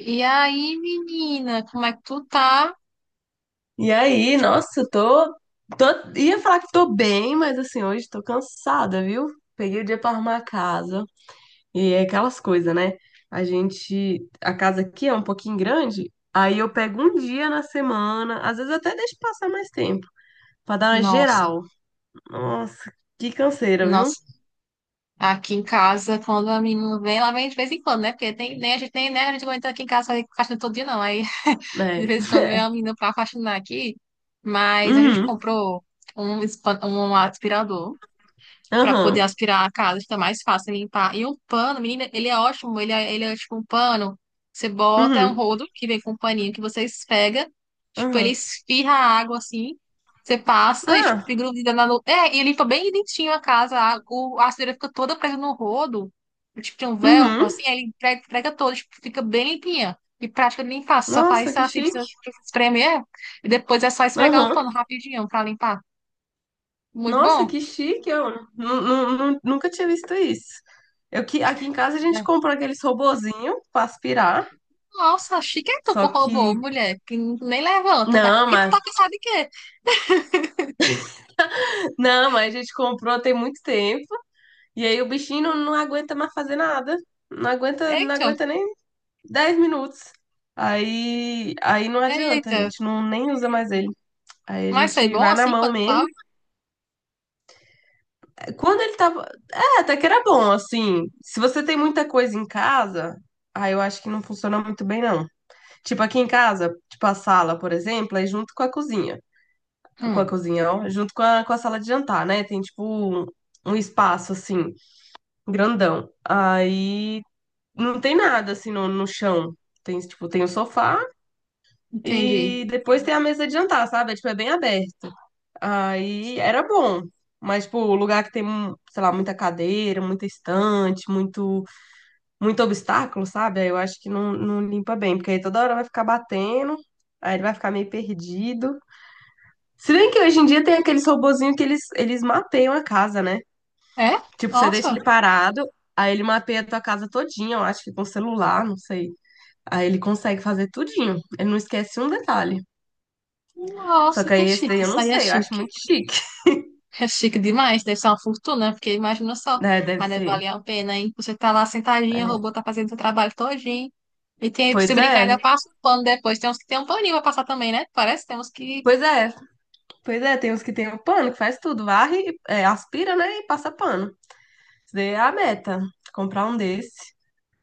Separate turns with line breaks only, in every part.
E aí, menina, como é que tu tá?
E aí, nossa, eu tô, tô. Ia falar que tô bem, mas assim, hoje tô cansada, viu? Peguei o dia pra arrumar a casa. E é aquelas coisas, né? A gente. A casa aqui é um pouquinho grande. Aí eu pego um dia na semana, às vezes eu até deixo passar mais tempo, pra dar uma
Nossa,
geral. Nossa, que canseira, viu?
nossa. Aqui em casa, quando a menina vem, ela vem de vez em quando, né? Porque tem, nem a gente nem né? A gente aguenta aqui em casa fazer faxina todo dia, não. Aí,
É.
de vez em quando vem
É.
a menina pra faxinar aqui, mas a gente
Uhum.
comprou um, um aspirador, para poder
Aham.
aspirar a casa, fica mais fácil limpar. E um pano, menina, ele é ótimo, ele é tipo um pano, você bota, é um
Uhum.
rodo que vem com um paninho que você esfrega, tipo, ele
Aham.
esfirra a água assim, você passa e tipo,
Ah.
fica grudada na É, e limpa bem dentinho a casa, a sujeira fica toda presa no rodo, tipo, tem um velcro
Uhum.
assim, aí ele prega toda, tipo, fica bem limpinha. E prática de limpar, só
Nossa,
faz
que
assim,
chique.
precisa espremer, e depois é só esfregar o
Aham.
pano rapidinho pra limpar. Muito
Nossa,
bom.
que chique! Eu nunca tinha visto isso. Eu que aqui em casa a gente
É.
comprou aqueles robozinho para aspirar.
Nossa, chiqueta
Só
pro
que
robô, mulher, que nem levanta. Tá...
não,
E tu
mas
tá cansado de quê?
não, mas a gente comprou tem muito tempo. E aí o bichinho não aguenta mais fazer nada. Não aguenta, não
Eita,
aguenta nem 10 minutos. Aí não adianta, a
eita.
gente não nem usa mais ele. Aí a
Mas foi
gente
bom
vai na
assim
mão
quando
mesmo.
tava?
Quando ele tava, é, até que era bom, assim. Se você tem muita coisa em casa, aí eu acho que não funciona muito bem não. Tipo, aqui em casa, tipo a sala, por exemplo, é junto com a cozinha. Com a
Hum,
cozinha, ó, junto com com a sala de jantar, né? Tem tipo um, um espaço assim, grandão. Aí não tem nada assim no chão. Tem, tipo, tem o sofá
entendi.
e depois tem a mesa de jantar, sabe? É, tipo, é bem aberto. Aí era bom. Mas, tipo, o lugar que tem, sei lá, muita cadeira, muita estante, muito obstáculo, sabe? Aí eu acho que não limpa bem, porque aí toda hora vai ficar batendo, aí ele vai ficar meio perdido. Se bem que hoje em dia tem aqueles robozinhos que eles mapeiam a casa, né?
É?
Tipo, você deixa
Nossa,
ele parado, aí ele mapeia a tua casa todinha, eu acho que com celular, não sei. Aí ele consegue fazer tudinho. Ele não esquece um detalhe. Só
nossa,
que
que
aí esse daí
chique.
eu
Isso
não
aí é
sei, eu acho
chique.
muito chique.
É chique demais, deve ser uma fortuna, porque imagina só.
Né? Deve
Mas deve
ser.
valer a pena, hein? Você tá lá sentadinha, o robô
É.
tá fazendo seu trabalho todinho. E tem, se
Pois
brincar,
é,
ainda passa um pano depois. Tem uns que tem um paninho pra passar também, né? Parece, temos que.
pois é, pois é. Tem uns que tem o pano, que faz tudo, varre, é, aspira, né? E passa pano. Isso daí é a meta, comprar um desse,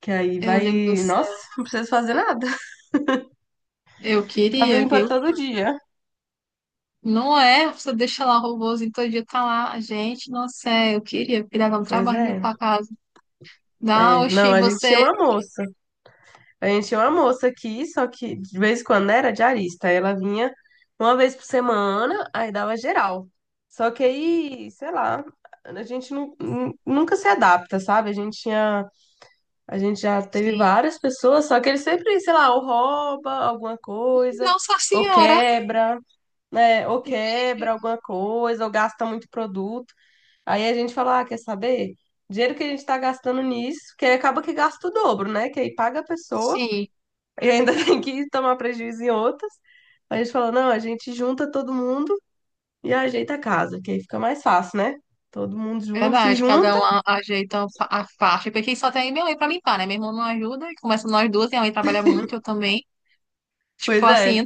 que aí
Meu Deus do
vai, nossa,
céu,
não precisa fazer nada.
eu
Tava
queria,
limpa
viu?
todo dia.
Não é? Você deixa lá o robôzinho todo dia, tá lá. Gente, nossa, é, eu queria, porque dava um
Pois
trabalho
é.
limpar a casa. Não,
É, não,
oxi,
a gente tinha
você.
uma moça. A gente tinha uma moça aqui, só que de vez em quando era diarista. Aí ela vinha uma vez por semana, aí dava geral. Só que aí, sei lá, a gente nunca se adapta, sabe? A gente já teve
Sim.
várias pessoas, só que ele sempre, sei lá, ou rouba alguma coisa,
Nossa
ou
senhora!
quebra. Né? Ou
Gente,
quebra alguma coisa, ou gasta muito produto. Aí a gente fala, ah, quer saber? Dinheiro que a gente está gastando nisso, que aí acaba que gasta o dobro, né? Que aí paga a pessoa
sim,
e ainda tem que tomar prejuízo em outras. A gente fala, não, a gente junta todo mundo e ajeita a casa, que aí fica mais fácil, né? Todo mundo junto, se
verdade. Cada
junta.
um ajeita a faixa. Porque só tem minha mãe pra limpar, né? Meu irmão não ajuda. E começa nós duas, minha mãe trabalha muito, eu também. Tipo
Pois
assim,
é.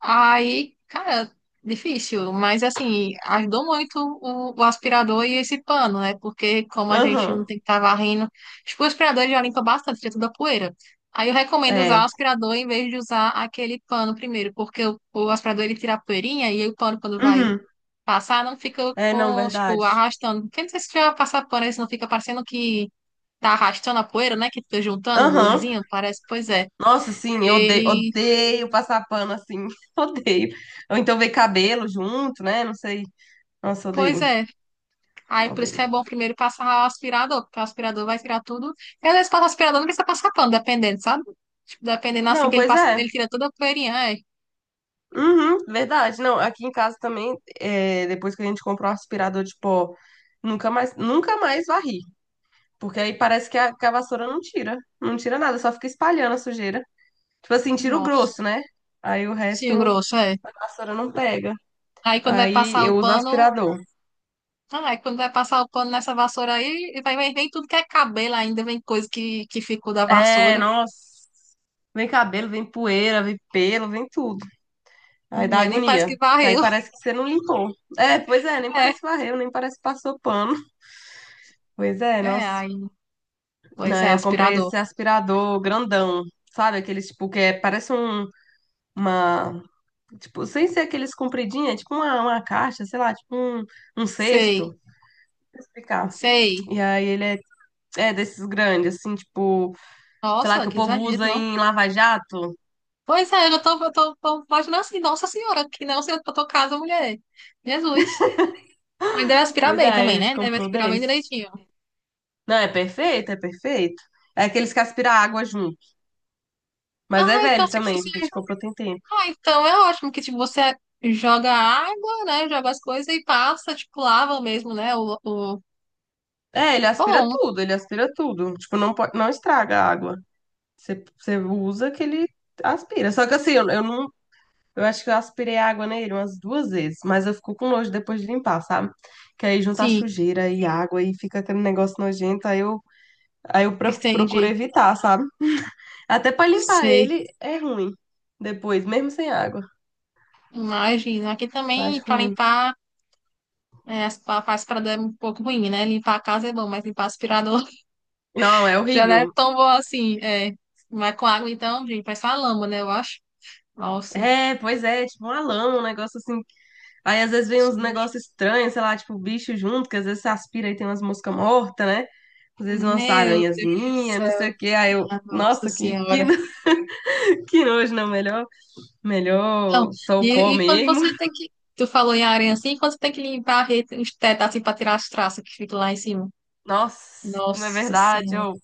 aí, cara, difícil, mas assim, ajudou muito o aspirador e esse pano, né? Porque como a gente não
Aham.
tem que estar varrendo, tipo, o aspirador já limpa bastante, tira toda a poeira. Aí eu recomendo usar o
É.
aspirador em vez de usar aquele pano primeiro, porque o aspirador ele tira a poeirinha e aí o pano quando vai
Uhum.
passar não fica
É, não,
com, tipo,
verdade.
arrastando. Porque não sei se já passar pano, isso não fica parecendo que tá arrastando a poeira, né? Que fica juntando,
Aham.
grudezinho, parece, pois é.
Nossa, sim, eu odeio,
Ele,
odeio passar pano assim, odeio. Ou então ver cabelo junto, né? Não sei. Nossa,
pois
odeio,
é. Aí por isso
odeio.
que é bom primeiro passar o aspirador, porque o aspirador vai tirar tudo. E às vezes passa o aspirador, não precisa passar pano, dependendo, sabe? Tipo, dependendo assim
Não,
que ele
pois
passa,
é.
ele tira toda a poeirinha, é.
Uhum, verdade. Não, aqui em casa também, é, depois que a gente comprou o aspirador de pó, nunca mais, nunca mais varri. Porque aí parece que que a vassoura não tira. Não tira nada, só fica espalhando a sujeira. Tipo assim, tira o
Nossa.
grosso, né? Aí o resto
Sim, o
não,
grosso, é.
a vassoura não pega.
Aí quando vai
Aí
passar o
eu uso
pano,
aspirador.
ah, aí quando vai passar o pano nessa vassoura aí, vai vem, vem tudo que é cabelo ainda, vem coisa que ficou da
É,
vassoura.
nossa. Vem cabelo, vem poeira, vem pelo, vem tudo. Aí
Não
dá
é nem parece
agonia.
que
Aí
varreu.
parece que você não limpou. É, pois é, nem
É,
parece que varreu, nem parece que passou pano. Pois é,
é,
nossa.
aí, pois
Não,
é,
eu comprei
aspirador.
esse aspirador grandão, sabe? Aqueles, tipo, que é, parece um, uma... Tipo, sem ser aqueles compridinhos, é tipo uma caixa, sei lá, tipo um, um cesto.
Sei,
Deixa eu explicar.
sei.
E aí ele é, é desses grandes, assim, tipo, sei lá,
Nossa,
que o
que
povo
exagero,
usa
não.
em lava-jato.
Pois é, eu já tô, eu tô, tô imaginando assim, nossa senhora, que não sei pra tua casa, mulher. Jesus. Mas deve aspirar
Pois é,
bem
a
também,
gente
né? Deve
comprou
aspirar bem
desse.
direitinho.
Não, é perfeito, é perfeito. É aqueles que aspiram água junto. Mas é
Ah, então,
velho
tipo, se
também, a
você...
gente comprou tem tempo.
Ah, então é ótimo que, tipo, você joga água, né? Joga as coisas e passa, tipo, lava mesmo, né? O...
É, ele aspira
Bom,
tudo, ele aspira tudo. Tipo, não pode, não estraga a água. Você usa que ele aspira. Só que assim, eu não. Eu acho que eu aspirei água nele umas duas vezes, mas eu fico com nojo depois de limpar, sabe? Que aí junta
sim,
sujeira e água e fica aquele negócio nojento, aí eu procuro
entendi.
evitar, sabe? Até pra limpar
Sei.
ele é ruim depois, mesmo sem água.
Imagina. Aqui
Eu
também,
acho
pra
ruim.
limpar, é, as faz pra dar um pouco ruim, né? Limpar a casa é bom, mas limpar aspirador
Não, é
já não é
horrível.
tão bom assim, é. Mas com água, então, gente, faz só a lama, né? Eu acho. Nossa,
É, pois é, tipo uma lama, um negócio assim. Aí às vezes vem uns
sujo.
negócios estranhos, sei lá, tipo bicho junto, que às vezes você aspira e tem umas moscas mortas, né? Às vezes umas
Meu Deus do
aranhazinhas, não sei o
céu,
quê. Aí eu,
minha Nossa
nossa, que,
Senhora.
no- que nojo, não, melhor,
Não,
melhor sou o pó
e quando
mesmo.
você tem que. Tu falou em areia assim, quando você tem que limpar a rede, os tetos assim pra tirar as traças que ficam lá em cima.
Nossa, na
Nossa
verdade,
Senhora.
eu,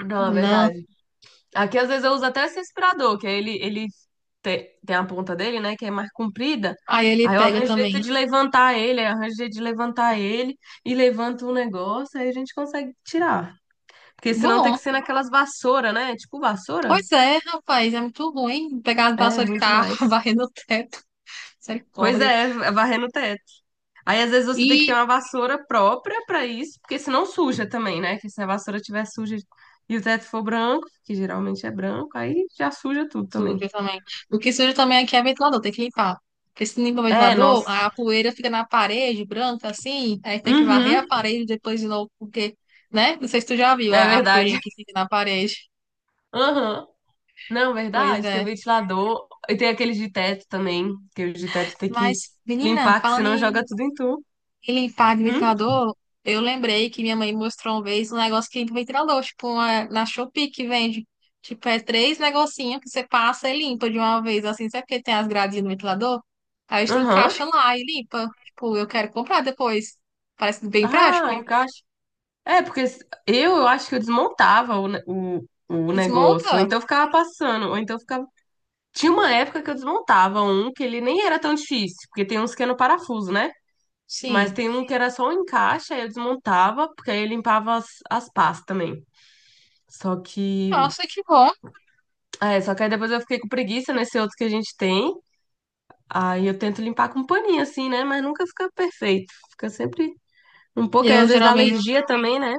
não, é
Não.
verdade. Aqui às vezes eu uso até esse aspirador, que aí ele tem a ponta dele, né, que é mais comprida.
Aí ele
Aí eu
pega
arranjo jeito
também.
de levantar ele, aí eu arranjo jeito de levantar ele e levanto o negócio, aí a gente consegue tirar. Porque senão tem
Bom,
que ser naquelas vassoura, né? É tipo vassoura?
pois é, rapaz, é muito ruim pegar as
É, é
vassouras e
ruim
ficar
demais.
varrendo o teto.
Pois
Misericórdia.
é, é varrer no teto. Aí às vezes você tem que ter
E
uma vassoura própria pra isso, porque senão suja também, né? Que se a vassoura estiver suja e o teto for branco, que geralmente é branco, aí já suja tudo também.
suja também. O que suja também aqui é ventilador, tem que limpar. Porque se limpa o
É,
ventilador,
nossa.
a poeira fica na parede, branca assim, aí tem que varrer a
Uhum.
parede depois de novo, porque, né? Não sei se tu já viu
É
a poeirinha
verdade.
que fica na parede.
Aham. Não,
Pois
verdade. Tem
é.
ventilador. E tem aqueles de teto também. Que os de teto tem que
Mas, menina,
limpar, que
falando
senão joga
em
tudo em tu.
ele para de
Hum?
ventilador, eu lembrei que minha mãe mostrou uma vez um negócio que limpa o ventilador, tipo uma, na Shopee que vende. Tipo, é três negocinhos que você passa e limpa de uma vez, assim, sabe porque tem as gradinhas no ventilador? Aí você
Aham.
encaixa lá e limpa. Tipo, eu quero comprar depois. Parece bem
Ah,
prático.
encaixa. É, porque eu acho que eu desmontava o negócio. Ou
Desmonta?
então eu ficava passando. Ou então eu ficava. Tinha uma época que eu desmontava um que ele nem era tão difícil. Porque tem uns que é no parafuso, né? Mas
Sim.
tem um que era só um encaixe, aí eu desmontava, porque aí eu limpava as pás também. Só que
Nossa, que bom.
é, só que aí depois eu fiquei com preguiça nesse outro que a gente tem. Aí eu tento limpar com um paninho, assim, né? Mas nunca fica perfeito. Fica sempre um pouco, aí às
Eu
vezes dá
geralmente
alergia também, né?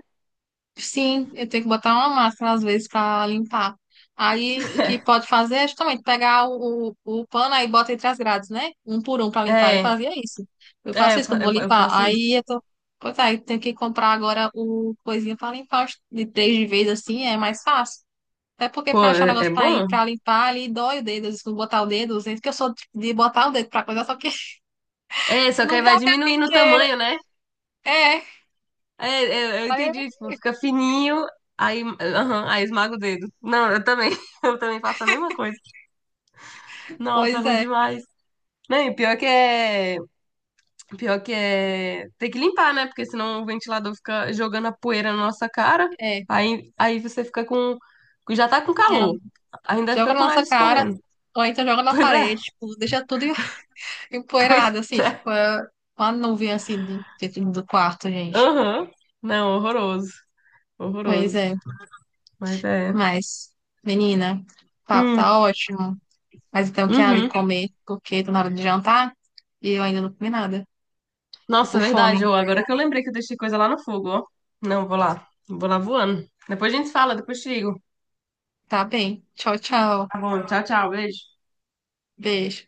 sim, eu tenho que botar uma máscara às vezes para limpar. Aí, o que pode fazer é justamente pegar o pano aí bota entre as grades, né? Um por um para limpar. Eu
É,
fazia isso. Eu faço isso quando vou
eu
limpar.
faço
Aí
isso.
eu tô. Pois aí, tenho que comprar agora o coisinha para limpar os- de três de vez assim, é mais fácil. Até porque
Pô,
para achar um
é, é
negócio para
bom?
pra limpar ali, dói o dedo. Às vezes, quando botar o dedo, às vezes, porque eu sou de botar o dedo para coisa, só que
É, só que
não
aí vai
dá pra
diminuindo o
piqueira.
tamanho, né?
É,
É, é, eu
aí-
entendi, tipo, fica fininho, aí, aham, aí esmaga o dedo. Não, eu também, eu também faço a mesma coisa. Nossa,
pois
ruim
é,
demais. Não, e pior que é. Pior que é. Tem que limpar, né? Porque senão o ventilador fica jogando a poeira na nossa cara.
é.
Aí você fica com. Já tá com calor. Ainda
Joga
fica
na
com o
nossa
nariz
cara,
escorrendo.
ou então joga na
Pois é,
parede, tipo, deixa tudo em-
pois
empoeirado, assim,
é.
tipo, é uma nuvem, assim, de- dentro do quarto, gente.
Aham. Não, horroroso.
Pois
Horroroso.
é,
Mas é.
mas, menina, o papo
Hum,
tá ótimo, mas então eu quero ali
uhum.
comer, porque tô na hora de jantar e eu ainda não comi nada. Tô
Nossa,
com
é verdade,
fome.
ô. Agora que eu lembrei que eu deixei coisa lá no fogo, ó. Não, vou lá. Vou lá voando. Depois a gente fala, depois te ligo.
Tá bem. Tchau, tchau.
Tá bom, tchau, tchau. Beijo.
Beijo.